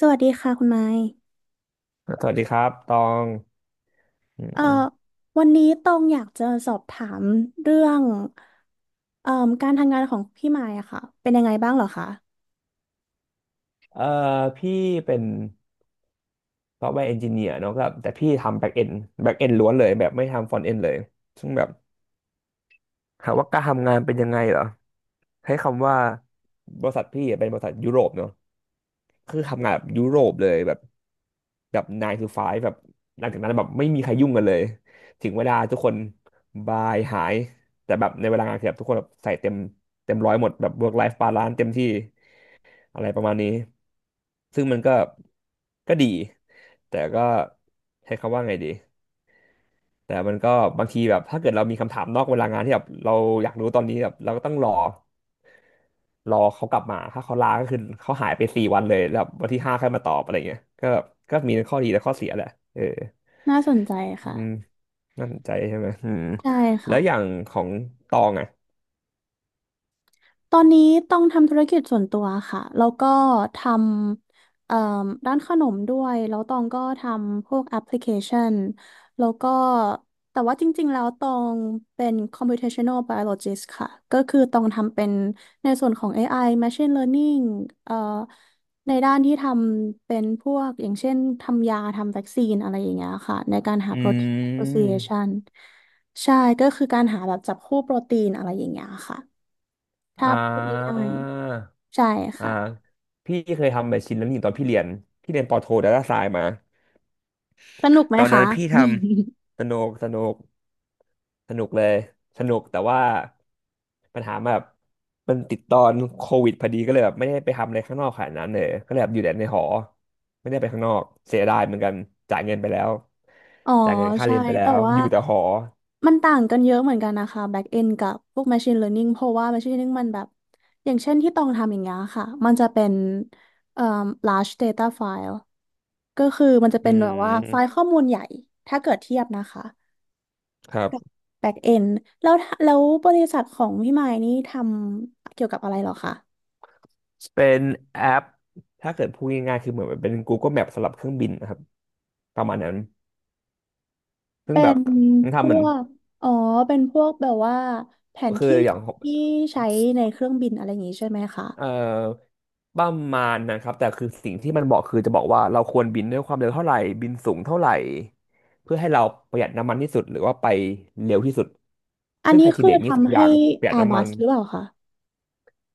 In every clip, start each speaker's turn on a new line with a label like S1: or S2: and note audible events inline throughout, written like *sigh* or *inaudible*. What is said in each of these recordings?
S1: สวัสดีค่ะคุณไม้
S2: สวัสดีครับตองอืม
S1: เอ่อ
S2: อืม
S1: วันนี้ตองอยากจะสอบถามเรื่องเอ่อการทำงานของพี่ไม้อะค่ะ เป็นยังไงบ้างเหรอคะ
S2: เอ่อพี่เป็นซอฟต์แวร์เอนจิเนียร์เนาะก็แต่พี่ทำแบ็กเอนแบ็กเอนล้วนเลยแบบไม่ทำฟรอนต์เอนเลยซึ่งแบบถามว่าการทำงานเป็นยังไงเหรอใช้คำว่าบริษัทพี่เป็นบริษัทยุโรปเนาะคือทำงานแบบยุโรปเลยแบบ 9 to 5 แบบหลังจากนั้นแบบไม่มีใครยุ่งกันเลย ถึงเวลาทุกคนบายหายแต่แบบในเวลางานคือแบบทุกคนแบบใส่เต็มเต็มร้อยหมดแบบ work life balance เต็มที่ อะไรประมาณนี้ซึ่งมันก็ดีแต่ก็ใช้คำว่าไงดีแต่มันก็บางทีแบบถ้าเกิดเรามีคำถามนอกเวลางานที่แบบเราอยากรู้ตอนนี้แบบเราก็ต้องรอเขากลับมาถ้าเขาลาก็คือเขาหายไป4 วันเลยแล้ววันที่ห้าค่อยมาตอบอะไรเงี้ยก็มีข้อดีและข้อเสียแหละเออ
S1: น่าสนใจ
S2: อื
S1: ค่ะ
S2: มนั่นใจใช่ไหมอืม
S1: ใช่
S2: แล้
S1: ค่ะ
S2: วอย่างของตองอ่ะ
S1: ตอนนี้ต้องทำธุรกิจส่วนตัวค่ะ แล้วก็ทำร้านขนมด้วย แล้วตองก็ทำพวกแอปพลิเคชันแล้วก็แต่ว่าจริงๆแล้วตองเป็น computational biologist ค่ะ ก็คือตองทำเป็นในส่วนของ AI machine learning เอ่อในด้านที่ทำเป็นพวกอย่างเช่นทำยาทำวัคซีนอะไรอย่างเงี้ยค่ะในการหา
S2: อื
S1: protein
S2: ม
S1: association ใช่ ก็คือการหาแบบจับคู่โปรตีนอะไรอย่างเงี้ยค่ะ
S2: อ่
S1: ถ้าพูด
S2: า
S1: ง่ายๆใช่
S2: อ่า
S1: ค่ะ
S2: พี่เคยทำแบบชิ้นนั้นอยู่ตอนพี่เรียนพี่เรียนปอโทดาต้าไซน์มา
S1: สนุกไหม
S2: ตอน
S1: คะ
S2: นั้นพี่
S1: *laughs*
S2: ทำสนุกสนุกสนุกเลยสนุกแต่ว่าปัญหาแบบมันติดตอนโควิดพอดีก็เลยแบบไม่ได้ไปทำอะไรข้างนอกขนาดนั้นเลยก็เลยแบบอยู่แต่ในหอไม่ได้ไปข้างนอกเสียดายเหมือนกันจ่ายเงินไปแล้ว
S1: อ๋อ
S2: จ่ายเงินค่า
S1: ใช่
S2: เรียนไปแล้
S1: แต่
S2: ว
S1: ว่า
S2: อยู่แต่หอ
S1: มันต่างกันเยอะเหมือนกันนะคะ back end กับพวก machine learning เพราะว่า machine learning มันแบบอย่างเช่นที่ต้องทำอย่างเงี้ยค่ะมันจะเป็นเอ่อ large data file ก็คือมันจะ
S2: อื
S1: เป็นแบบว่าไฟล์
S2: ม
S1: ข้อมูลใหญ่ถ้าเกิดเทียบนะคะ
S2: ครับ
S1: back end แล้วแล้วบริษัทของพี่ไมค์นี่ทำเกี่ยวกับอะไรเหรอคะ
S2: เป็นแอปถ้าเกิดพูดง่ายๆคือเหมือนเป็น Google Map สำหรับเครื่องบินนะครับประมาณนั้น ซึ่ง
S1: เป็
S2: แบบ
S1: น
S2: มัน
S1: พ
S2: ทำเหมือน
S1: วกอ๋อเป็นพวกแบบว่าแผน
S2: คือ
S1: ที่
S2: อย่าง
S1: ที่ใช้ในเครื่องบินอะไรอย่างงี้ใช่ไหมคะ
S2: เอ่อประมาณนะครับแต่คือสิ่งที่มันบอกคือจะบอกว่าเราควรบินด้วยความเร็วเท่าไหร่บินสูงเท่าไหร่เพื่อให้เราประหยัดน้ำมันที่สุดหรือว่าไปเร็วที่สุด
S1: อัน
S2: ซึ่ง
S1: นี้
S2: ไคที
S1: คือ
S2: เรียมีสอง
S1: ทำ
S2: อย่า
S1: ให้
S2: งประหยัดน้ำมัน
S1: Airbus หรือเปล่าคะ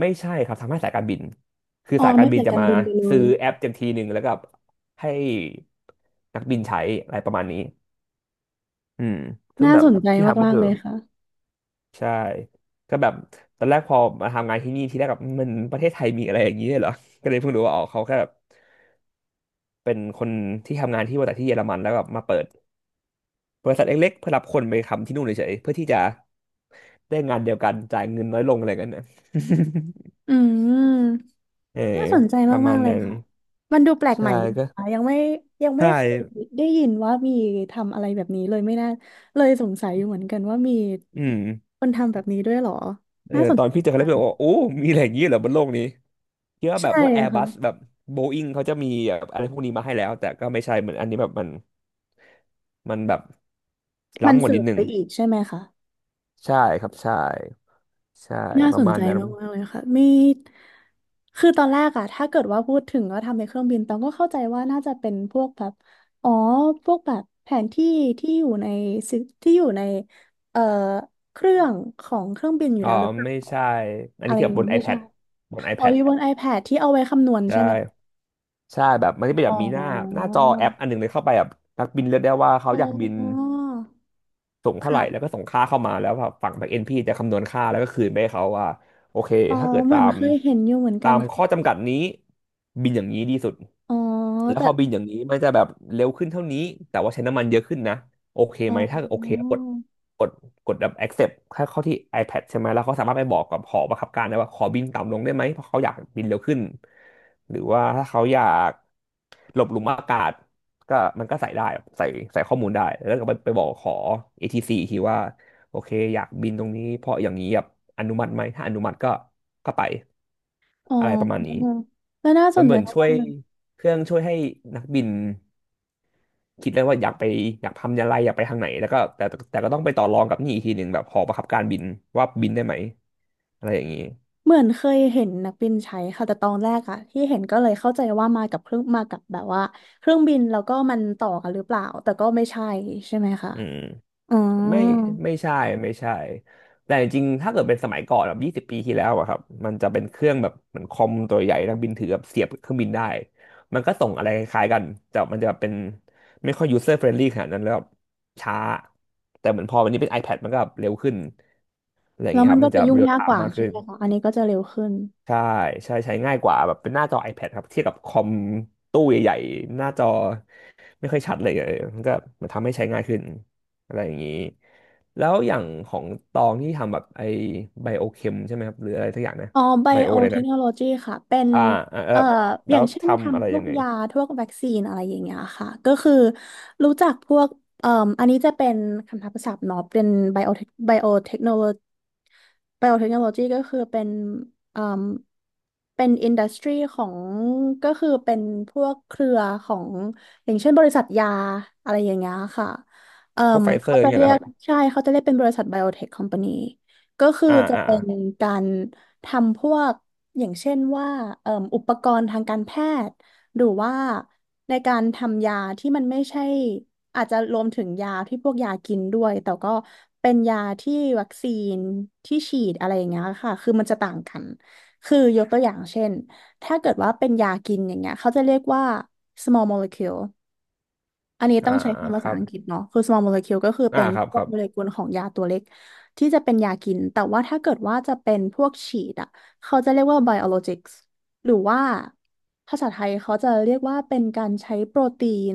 S2: ไม่ใช่ครับทำให้สายการบินคือ
S1: อ๋อ
S2: สายกา
S1: ไม่
S2: รบิน
S1: ใส่
S2: จะ
S1: การ
S2: มา
S1: บินไปเล
S2: ซื้
S1: ย
S2: อแอปจำทีหนึ่งแล้วก็ให้นักบินใช้อะไรประมาณนี้อืมซึ่ง
S1: น่า
S2: แบบ
S1: สนใจ
S2: ที่ทำก็
S1: มากๆ
S2: คือ
S1: เลยค่ะ
S2: ใช่ก็แบบตอนแรกพอมาทำงานที่นี่ทีแรกแบบมันประเทศไทยมีอะไรอย่างนี้ด้วยเหรอ *laughs* ก็เลยเพิ่งรู้ว่าอ๋อเขาแค่แบบเป็นคนที่ทำงานที่บริษัทที่เยอรมันแล้วแบบมาเปิดบริษัทเล็กๆเพื่อรับคนไปทำที่นู่นเฉยๆเพื่อที่จะได้งานเดียวกันจ่ายเงินน้อยลงอะไรกันนะ
S1: อืม
S2: *laughs* เออ
S1: น่าสนใจ
S2: ประมา
S1: มาก
S2: ณ
S1: ๆเลย
S2: นั้น
S1: ค่ะมันดูแปลกให
S2: ใช่
S1: ม่ดี
S2: ก็
S1: ค่ะยังไม่
S2: ใช่
S1: เคยได้ยินว่ามีทำอะไรแบบนี้เลยไม่น่าเลยสงสัยอยู่เหมือนกันว่ามี
S2: อืม
S1: คนทำแบบนี้ด้วยเหรอ
S2: เออ
S1: น่าสน
S2: ตอน
S1: ใจ
S2: พี่เจอเขา
S1: มา
S2: แล้ว
S1: ก
S2: พี่บอกว่าโอ้มีอะไรอย่างนี้เหรอบนโลกนี้คิดว่าแบ
S1: ใช่
S2: บพวกแอร์บั
S1: ค่ะ
S2: สแบบโบอิงเขาจะมีแบบอะไรพวกนี้มาให้แล้วแต่ก็ไม่ใช่เหมือนอันนี้แบบมัน มันแบบ
S1: มัน
S2: ล้ำกว่า
S1: เสิ
S2: นิ
S1: ร์
S2: ด
S1: ม
S2: นึ
S1: ไป
S2: ง
S1: อีกใช่ไหมคะ
S2: ใช่ครับใช่ใช่
S1: น่า
S2: ป
S1: ส
S2: ระ
S1: น
S2: มาณ
S1: ใจ
S2: นั้น
S1: มากๆเลยค่ะมีคือตอนแรกอะถ้าเกิดว่าพูดถึงว่าทำในเครื่องบินตองก็เข้าใจว่าน่าจะเป็นพวกแบบอ๋อพวกแบบแผนที่ที่อยู่ในซิที่อยู่ในเอ่อเครื่องของเครื่องบินอยู่
S2: อ๋อ
S1: แล้วหรือเปล่า
S2: ไม่ใช่อัน
S1: อะ
S2: นี้
S1: ไร
S2: คือ
S1: อ
S2: แบ
S1: ย่าง
S2: บบน
S1: นี้ไม่ใช่
S2: iPad บน
S1: อ๋อ
S2: iPad
S1: อยู่บน iPad ที่เอาไว้คำนวณ
S2: ได
S1: ใช่ไหม
S2: ้ใช่แบบมันจะเป็นแบ
S1: อ๋
S2: บมีหน้าหน้า
S1: อ
S2: จอแอปอันหนึ่งเลยเข้าไปแบบนักบินเลือกได้ว่าเขา
S1: อ๋
S2: อยากบิน
S1: อ
S2: ส่งเท่าไหร่
S1: ค่ะ
S2: แล้วก็ส่งค่าเข้ามาแล้วฝั่ง backend พี่จะคำนวณค่าแล้วก็คืนไปให้เขาว่าโอเค
S1: อ๋อ
S2: ถ้าเกิด
S1: เหมื
S2: ตา
S1: อน
S2: ม
S1: เคยเห็นอยู่เหมือนกัน
S2: ข้อ
S1: ค่ะ
S2: จำกัดนี้บินอย่างนี้ดีสุด
S1: อ๋อ
S2: แล้ว
S1: แต่
S2: พอบินอย่างนี้มันจะแบบเร็วขึ้นเท่านี้แต่ว่าใช้น้ำมันเยอะขึ้นนะโอเค
S1: อ๋
S2: ไหมถ้าโอเคก็
S1: อ
S2: กดกดกดแบบ accept เข้าที่ iPad ใช่ไหมแล้วเขาสามารถไปบอกกับหอบังคับการได้ว่าขอบินต่ำลงได้ไหมเพราะเขาอยากบินเร็วขึ้นหรือว่าถ้าเขาอยากหลบหลุมอากาศ ก็มันก็ใส่ได้ใส่ข้อมูลได้แล้วก็ไปบอกขอ a t ีซีอีกทีว่าโอเคอยากบินตรงนี้เพราะอย่างนี้แบบอนุมัติไหมถ้าอนุมัติก็ก็ไป
S1: อ๋
S2: อะไรประมาณนี้
S1: อแล้วน่าส
S2: มัน
S1: น
S2: เห
S1: ใจ
S2: มือนช่ว
S1: มาก
S2: ย
S1: ๆเลย
S2: เครื่องช่วยให้นักบินคิดได้ว่าอยากไปอยากทำอะไรอยากไปทางไหนแล้วก็แต่ก็ต้องไปต่อรองกับนี่อีกทีหนึ่งแบบหอบังคับการบินว่าบินได้ไหมอะไรอย่างนี้
S1: เหมือนเคยเห็นนักบินใช้ค่ะแต่ตอนแรกอะที่เห็นก็เลยเข้าใจว่ามากับเครื่องมากับแบบว่าเครื่องบินแล้วก็มันต่อกันหรือเปล่าแต่ก็ไม่ใช่ใช่ไหมคะ
S2: อืม
S1: อ๋อ
S2: ไม่ไม่ใช่ไม่ใช่แต่จริงๆ ถ้าเกิดเป็นสมัยก่อนแบบ20 ปีที่แล้วอะครับมันจะเป็นเครื่องแบบเหมือนคอมตัวใหญ่นักบินถือแบบเสียบเครื่องบินได้มันก็ส่งอะไรคล้ายๆกันแต่มันจะเป็นไม่ค่อย user friendly ขนาดนั้นแล้วแบบช้าแต่เหมือนพอวันนี้เป็น iPad มันก็แบบเร็วขึ้นอะไรอย่าง
S1: แล้ว
S2: เงี้ย
S1: มั
S2: ค
S1: น
S2: รับ
S1: ก็
S2: มัน
S1: จะ
S2: จะ
S1: ยุ่ง
S2: เรียล
S1: ยา
S2: ไท
S1: กก
S2: ม์
S1: ว่า
S2: มาก
S1: ใช่
S2: ขึ้น
S1: ไหมคะอันนี้ก็จะเร็วขึ้น
S2: ใช่ใช่ใช้ง่ายกว่าแบบเป็นหน้าจอ iPad ครับเทียบกับคอมตู้ใหญ่ๆหน้าจอไม่ค่อยชัดเลยเออมันก็มันทำให้ใช้ง่ายขึ้นอะไรอย่างนี้แล้วอย่างของตองที่ทำแบบไอ้ไบโอเคมใช่ไหมครับหรืออะไรสักอย่างนะ
S1: อ๋อไบ
S2: ไบโอ
S1: โอ
S2: เลย
S1: เท
S2: นะ
S1: คโนโลยีค่ะเป็น
S2: อ่าอ่าเออ
S1: เอ่ออ
S2: แล้
S1: ย่า
S2: ว
S1: งเช่น
S2: ทำอะไร
S1: ทำพว
S2: ยั
S1: ก
S2: งไง
S1: ยาพวกวัคซีนอะไรอย่างเงี้ยค่ะก็คือรู้จักพวกเอ่ออันนี้จะเป็นคำทับศัพท์เนาะเป็นไบโอเทคโนโล ไบโอเทคโนโลยีก็คือเป็นอืมเป็นอินดัสทรีของก็คือเป็นพวกเครือของอย่างเช่นบริษัทยาอะไรอย่างเงี้ยค่ะเอ่
S2: พวก
S1: ม
S2: ไฟเซอ
S1: เขา
S2: ร์
S1: จะ
S2: เงี้ย
S1: เรี
S2: เหรอ
S1: ย
S2: ค
S1: ก
S2: รับ
S1: ใช่เขาจะเรียกเป็นบริษัทไบโอเทคคอมพานีก็คือ
S2: อ่า
S1: จะ
S2: อ่า
S1: เป็
S2: อ่
S1: นการทำพวกอย่างเช่นว่าเอ่มอุปกรณ์ทางการแพทย์ หรือว่าในการทำยาที่มันไม่ใช่อาจจะรวมถึงยาที่พวกยากินด้วยแต่ก็เป็นยาที่วัคซีนที่ฉีดอะไรอย่างเงี้ยค่ะคือมันจะต่างกันคือยกตัวอย่างเช่นถ้าเกิดว่าเป็นยากินอย่างเงี้ยเขาจะเรียกว่า small molecule อันนี้
S2: า
S1: ต้
S2: อ่า
S1: องใช้คำ
S2: ค
S1: ภาษา
S2: รับ
S1: อังกฤษเนาะคือ small molecule ก็คือ
S2: อ่า
S1: เป็น
S2: ครับ
S1: พ
S2: ค
S1: วก
S2: รับ
S1: โมเลกุลของยาตัวเล็กที่จะเป็นยากิน แต่ว่าถ้าเกิดว่าจะเป็นพวกฉีดอ่ะเขาจะเรียกว่า biologics หรือว่าภาษาไทยเขาจะเรียกว่าเป็นการใช้โปรตีน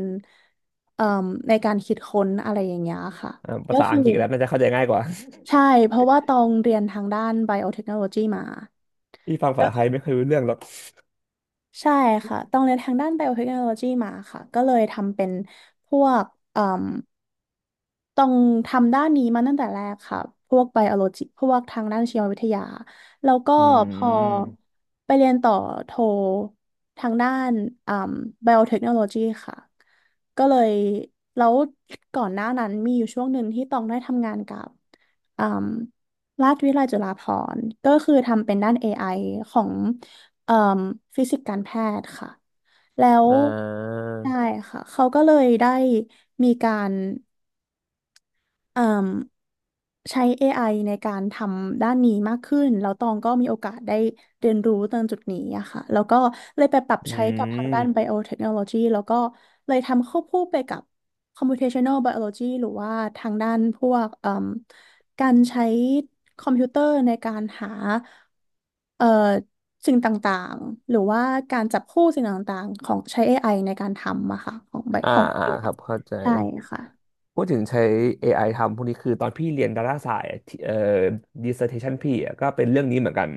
S1: เอ่มในการคิดค้นอะไรอย่างเงี้ยค่ะ
S2: อ่าภา
S1: ก็
S2: ษา
S1: คื
S2: อั
S1: อ
S2: งกฤษแล้วน่าจะเข้าใจง่ายกว่า
S1: ใช่ เพราะว่าต้องเรียนทางด้าน biotechnology มา
S2: *laughs* ที่ฟังภาษาไท
S1: ก็
S2: ยไม่เคอยรู้เรื่องหรอก
S1: ใช่ค่ะต้องเรียนทางด้าน biotechnology มาค่ะก็เลยทำเป็นพวก ต้องทำด้านนี้มาตั้งแต่แรกค่ะพวกไบโอโลจิพวกทางด้านชีววิทยา แล้วก็
S2: อื
S1: พอ
S2: ม
S1: ไปเรียนต่อโททางด้านอ่าไบโอเทคโนโลยีค่ะ ก็เลยแล้วก่อนหน้านั้นมีอยู่ช่วงหนึ่งที่ต้องได้ทำงานกับอ่าราชวิทยาลัยจุฬาภรณ์ก็คือทำเป็นด้าน AI ของอ่าฟิสิกส์การแพทย์ค่ะ แล้ว
S2: อ่า
S1: ใช่ค่ะ เขาก็เลยได้มีการ เอ่มใช้ AI ในการทำด้านนี้มากขึ้นแล้วตองก็มีโอกาสได้เรียนรู้ตรงจุดนี้อะค่ะแล้วก็เลยไปปรับ
S2: อื
S1: ใช้กับทาง
S2: ม
S1: ด้าน biotechnology แล้วก็เลยทำควบคู่ไปกับ computational biology หรือว่าทางด้านพวกเอ่มการใช้คอมพิวเตอร์ในการหาเอ่อสิ่งต่างๆหรือว่าการจับคู่สิ่งต่างๆของใช้ AI ในการทำอะค่ะของ
S2: อ่า
S1: ของ
S2: อ่า
S1: bio
S2: ครับเข้าใจ
S1: ใช่ค่ะ
S2: พูดถึงใช้ AI ทำพวกนี้คือตอนพี่เรียนดาราศาสตร์อะที่dissertation พี่อะก็เป็นเรื่องนี้เหมือนกัน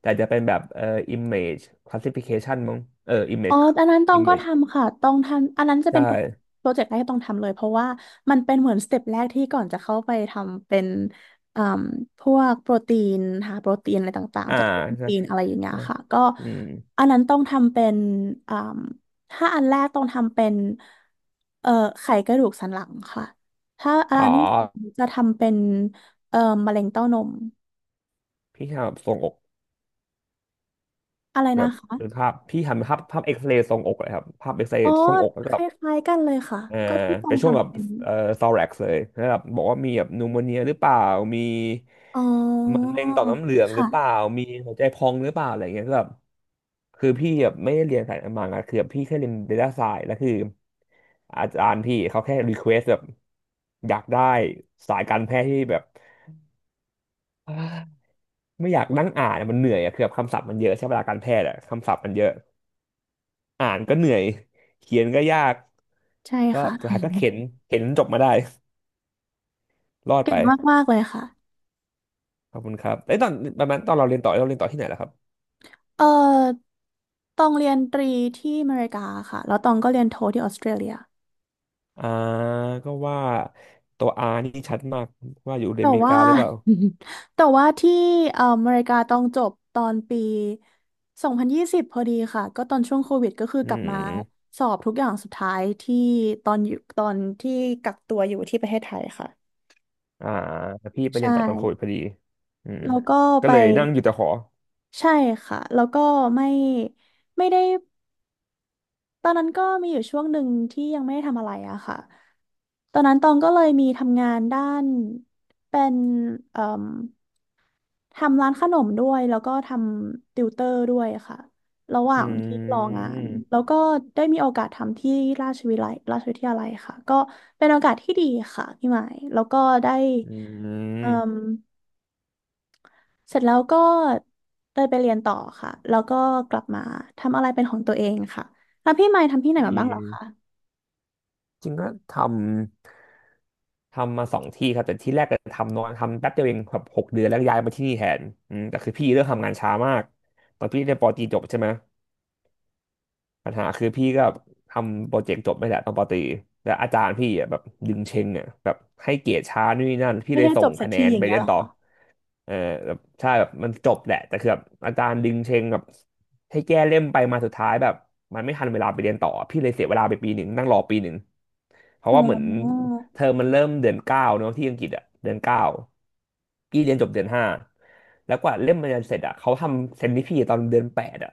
S2: แต่จะเป็นแบบimage classification มั้งเออ
S1: อ๋อ
S2: image
S1: อันนั้นตองก็
S2: image
S1: ทำค่ะตองทำอันนั้นจะเป็
S2: ใช่
S1: นโปรเจกต์แรกที่ต้องทำเลยเพราะว่ามันเป็นเหมือนสเต็ปแรกที่ก่อนจะเข้าไปทำเป็นอ่มพวกโปรตีนหาโปรตีนอะไรต่าง
S2: อ่า
S1: ๆจากโปร
S2: ใช่
S1: ตีนอะไรอย่างเงี้ย
S2: ใช่
S1: ค่ะก็
S2: อืม
S1: อันนั้นต้องทำเป็นอ่มถ้าอันแรกต้องทำเป็นเอ่อไขกระดูกสันหลังค่ะถ้าอั
S2: อ๋
S1: น
S2: อ
S1: นี้จะทำเป็นเอ่อมะเร็งเต้านม
S2: พี่ทำแบบทรงอก
S1: อะไร
S2: แบ
S1: นะ
S2: บ
S1: คะ
S2: เป็นภาพพี่ทำภาพภาพเอ็กซเรย์ทรงอกเลยครับภาพเอ็กซเร
S1: อ๋
S2: ย์
S1: อ
S2: ทรงอกแล้ว
S1: ค
S2: ก็
S1: ล้ายๆกันเลยค่ะ
S2: เออ
S1: ก็ที่ตอ
S2: เป็
S1: ง
S2: นช่วงแบ
S1: ทำ
S2: บ
S1: เป็น
S2: เอ่อซอแร็กเลยแล้วแบบบอกว่ามีแบบนูโมเนียหรือเปล่ามี
S1: อ๋อ
S2: มะเร็งต่อมน้ำเหลืองหรือเปล่า
S1: ค่ะ
S2: มีหัวใจพองหรือเปล่าอะไรเงี้ยก็แบบคือพี่แบบไม่ได้เรียนสายมังอะคือแบบพี่แค่เรียน Data Science แล้วคืออาจารย์พี่เขาแค่รีเควสแบบอยากได้สายการแพทย์ที่แบบไม่อยากนั่งอ่านอะมันเหนื่อยอะคือแบบคำศัพท์มันเยอะใช้เวลาการแพทย์อะคำศัพท์มันเยอะอ่านก็เหนื่อยเขียนก็ยาก
S1: ใช่
S2: ก็
S1: ค่ะ
S2: สุด
S1: อื
S2: ท้าย
S1: ม
S2: ก็เข็นเข็นจนจบมาได้รอด
S1: เก่
S2: ไป
S1: งมากๆเลยค่ะ
S2: ขอบคุณครับไอ้ยตอนประมาณตอนเราเรียนต่อเราเรียนต่อที่ไหนล่ะครับ
S1: เอ่อตองเรียนตรีที่อเมริกาค่ะแล้วตองก็เรียนโทที่ออสเตรเลีย
S2: อ่าก็ว่าตัว R นี่ชัดมากว่าอยู่
S1: แต่
S2: อเมริ
S1: ว่า
S2: กาหรือเปล่า
S1: *laughs* แต่ว่าที่อเมริกาตองจบตอนปี2020พนยี่สิบพอดีค่ะก็ตอนช่วงโควิดก็คือ
S2: อื
S1: กลับมา
S2: ม
S1: สอบทุกอย่างสุดท้ายที่ตอนอยู่ตอนที่กักตัวอยู่ที่ประเทศไทยค่ะ
S2: อ่าพี่ไปเรี
S1: ใช่
S2: ยนต่อตอนโควิดพอดีอืม
S1: แล้วก็
S2: ก็
S1: ไป
S2: เลยนั่งอยู่แต่หอ
S1: ใช่ค่ะ แล้วก็ไม่ไม่ได้ ตอนนั้นก็มีอยู่ช่วงหนึ่งที่ยังไม่ได้ทำอะไรอะค่ะตอนนั้นตองก็เลยมีทำงานด้านเป็นเอ่มทำร้านขนมด้วยแล้วก็ทำติวเตอร์ด้วยค่ะระหว่า
S2: อ
S1: งที่
S2: ื
S1: รองาน
S2: ม
S1: แล้วก็ได้มีโอกาสทำที่ราชวิไลราชวิทยาลัยค่ะก็เป็นโอกาสที่ดีค่ะพี่หมายแล้วก็ได้
S2: อื
S1: เอ่ม
S2: ม
S1: เสร็จแล้วก็ได้ไปเรียนต่อค่ะแล้วก็กลับมาทำอะไรเป็นของตัวเองค่ะแล้วพี่หมายทำที่ไหนมา
S2: ดี
S1: บ้างเหรอคะ
S2: จริงก็ทำทำมาสองที่ครับแต่ที่แรกก็ทำน้อยทำแป๊บเดียวเองแบบหกเดือนแล้วก็ย้ายมาที่นี่แทนอืมแต่คือพี่เลือกทำงานช้ามากตอนพี่เรียนปอตรีจบใช่ไหม ปัญหาคือพี่ก็แบบทำโปรเจกต์จบไม่แหละตอนปตรีแต่อาจารย์พี่อ่ะแบบดึงเชงอ่ะแบบให้เกรดช้านู่นนี่นั่นพี่
S1: ไม่
S2: เลย
S1: ให้
S2: ส่
S1: จ
S2: ง
S1: บสัก
S2: คะแน
S1: ที
S2: น
S1: อย่า
S2: ไป
S1: งเงี้ย
S2: เรีย
S1: เห
S2: น
S1: รอ
S2: ต่อ
S1: คะ
S2: เออแบบใช่แบบมันจบแหละแต่คือแบบอาจารย์ดึงเชงแบบให้แก้เล่มไปมาสุดท้ายแบบมันไม่ทันเวลาไปเรียนต่อพี่เลยเสียเวลาไปปีหนึ่งนั่งรอปีหนึ่งเพราะ
S1: อ๋
S2: ว่าเหมือน
S1: อ
S2: เทอมมันเริ่มเดือนเก้าเนาะที่อังกฤษอ่ะเดือนเก้าพี่เรียนจบเดือนห้าแล้วกว่าเล่มมันจะเสร็จอ่ะเขาทำเซนที่พี่ตอนเดือนแปดอ่ะ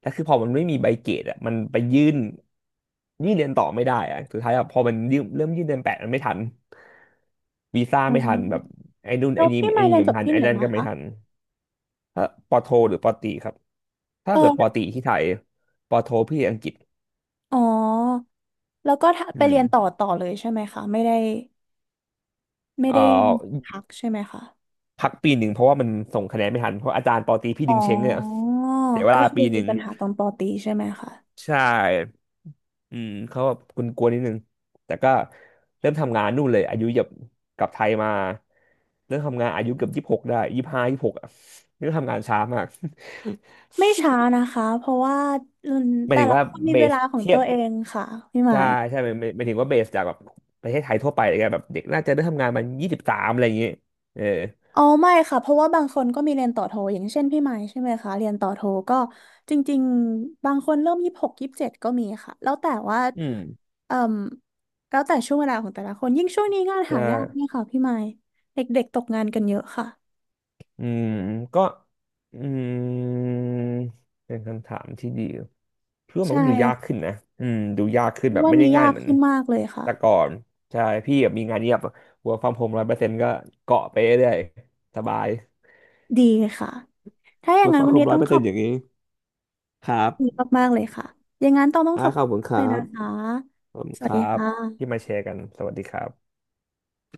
S2: แล้วคือพอมันไม่มีใบเกรดอ่ะมันไปยื่นยื่นเรียนต่อไม่ได้อ่ะสุดท้ายอ่ะพอมันยื่นเริ่มยื่นเดือนแปดมันไม่ทันวีซ่า
S1: อ๋
S2: ไม่ทันแบบ
S1: อ
S2: ไอ้นู่น
S1: แล้
S2: ไอ้
S1: ว
S2: นี่
S1: พี่
S2: ไอ้
S1: มา
S2: นี่
S1: เรียน
S2: ก็
S1: จ
S2: ไม่
S1: บ
S2: ทัน
S1: ที่
S2: ไอ้
S1: ไหน
S2: นั่น
S1: นะ
S2: ก็ไม่
S1: คะ
S2: ทันถ้าปอโทหรือปอตรีครับถ้าเกิดปอ
S1: เออ
S2: ตรีที่ไทยปอโทพี่อังกฤษ
S1: อ๋อแล้วก็ถ้า
S2: อื
S1: ไปเรี
S2: ม
S1: ยนต่อต่อเลยใช่ไหมคะ ไม่ได้ไม่
S2: เอ่อ
S1: ได้พักใช่ไหมคะ
S2: พักปีหนึ่งเพราะว่ามันส่งคะแนนไม่ทันเพราะอาจารย์ปอตรีพี่
S1: อ๋
S2: ดึ
S1: อ
S2: งเช้งเนี่ยเสียเว
S1: ก็
S2: ลา
S1: คือ
S2: ปีห
S1: มี
S2: นึ่ง
S1: ปัญหาตอนปอตรีใช่ไหมคะ
S2: ใช่อืมเขาแบบกลัวๆนิดนึงแต่ก็เริ่มทำงานนู่นเลย อายุแบบกลับไทยมาเริ่มทำงานอายุเกือบยี่สิบหกได้ยี่สิบห้ายี่สิบหกอ่ะเริ่มทำงานช้ามาก *laughs*
S1: ไม่ช้านะคะเพราะว่า
S2: หมาย
S1: แต่
S2: ถึง
S1: ละ
S2: ว่า
S1: คนมี
S2: เบ
S1: เว
S2: ส
S1: ลาของ
S2: เที
S1: ตั
S2: ยบ
S1: วเองค่ะพี่หมา
S2: ใช่
S1: ย
S2: ใช่หมายหมายหมายถึงว่าเบสจากแบบประเทศไทยทั่วไปอะไรเงี้ยแบบเด็กน่าจะเริ่มทำงานมันยี่สิบสามอะไรอย่างเงี้ยเออ
S1: อ๋อไม่ค่ะเพราะว่าบางคนก็มีเรียนต่อโทอย่างเช่นพี่ไม้ใช่ไหมคะเรียนต่อโทก็จริงๆบางคนเริ่ม2627ก็มีค่ะแล้วแต่ว่า
S2: อืม
S1: เอ่มแล้วแต่ช่วงเวลาของแต่ละคนยิ่งช่วงนี้งาน
S2: ใช่
S1: หายากเนี่ยค่ะพี่ไม้เด็กๆตกงานกันเยอะค่ะ
S2: อืมก็อืมเป็นคำถามที่ดีเพื่อมัน
S1: ใช่
S2: ก็ดูยากขึ้น
S1: ค่ะ
S2: นะอืมดูยากขึ้นแบบ
S1: วัน
S2: ไม่ได้
S1: นี้
S2: ง่า
S1: ยา
S2: ย
S1: ก
S2: เหมือน
S1: ขึ้นมากเลยค่ะ
S2: แต่ก่อนใช่พี่แบบมีงานเงียบ work from home ร้อยเปอร์เซ็นต์ก็เกาะไปเรื่อยสบาย
S1: ดีค่ะถ้าอย่าง
S2: work
S1: นั้น
S2: from
S1: วันนี้
S2: home ร้อ
S1: ต้อ
S2: ย
S1: ง
S2: เปอร์
S1: ข
S2: เซ็
S1: อ
S2: น
S1: บ
S2: ต์อย่างนี้ครับ
S1: คุณมากๆเลยค่ะอย่างนั้นต้องต้อง
S2: อ่า
S1: ขอบ
S2: ขอ
S1: คุ
S2: บ
S1: ณ
S2: คุณค
S1: เล
S2: รั
S1: ย
S2: บ
S1: นะคะ
S2: ขอบคุณ
S1: ส
S2: ค
S1: วัสดี
S2: รั
S1: ค
S2: บที่
S1: ่ะ
S2: มาแชร์กันสวัสดีครับ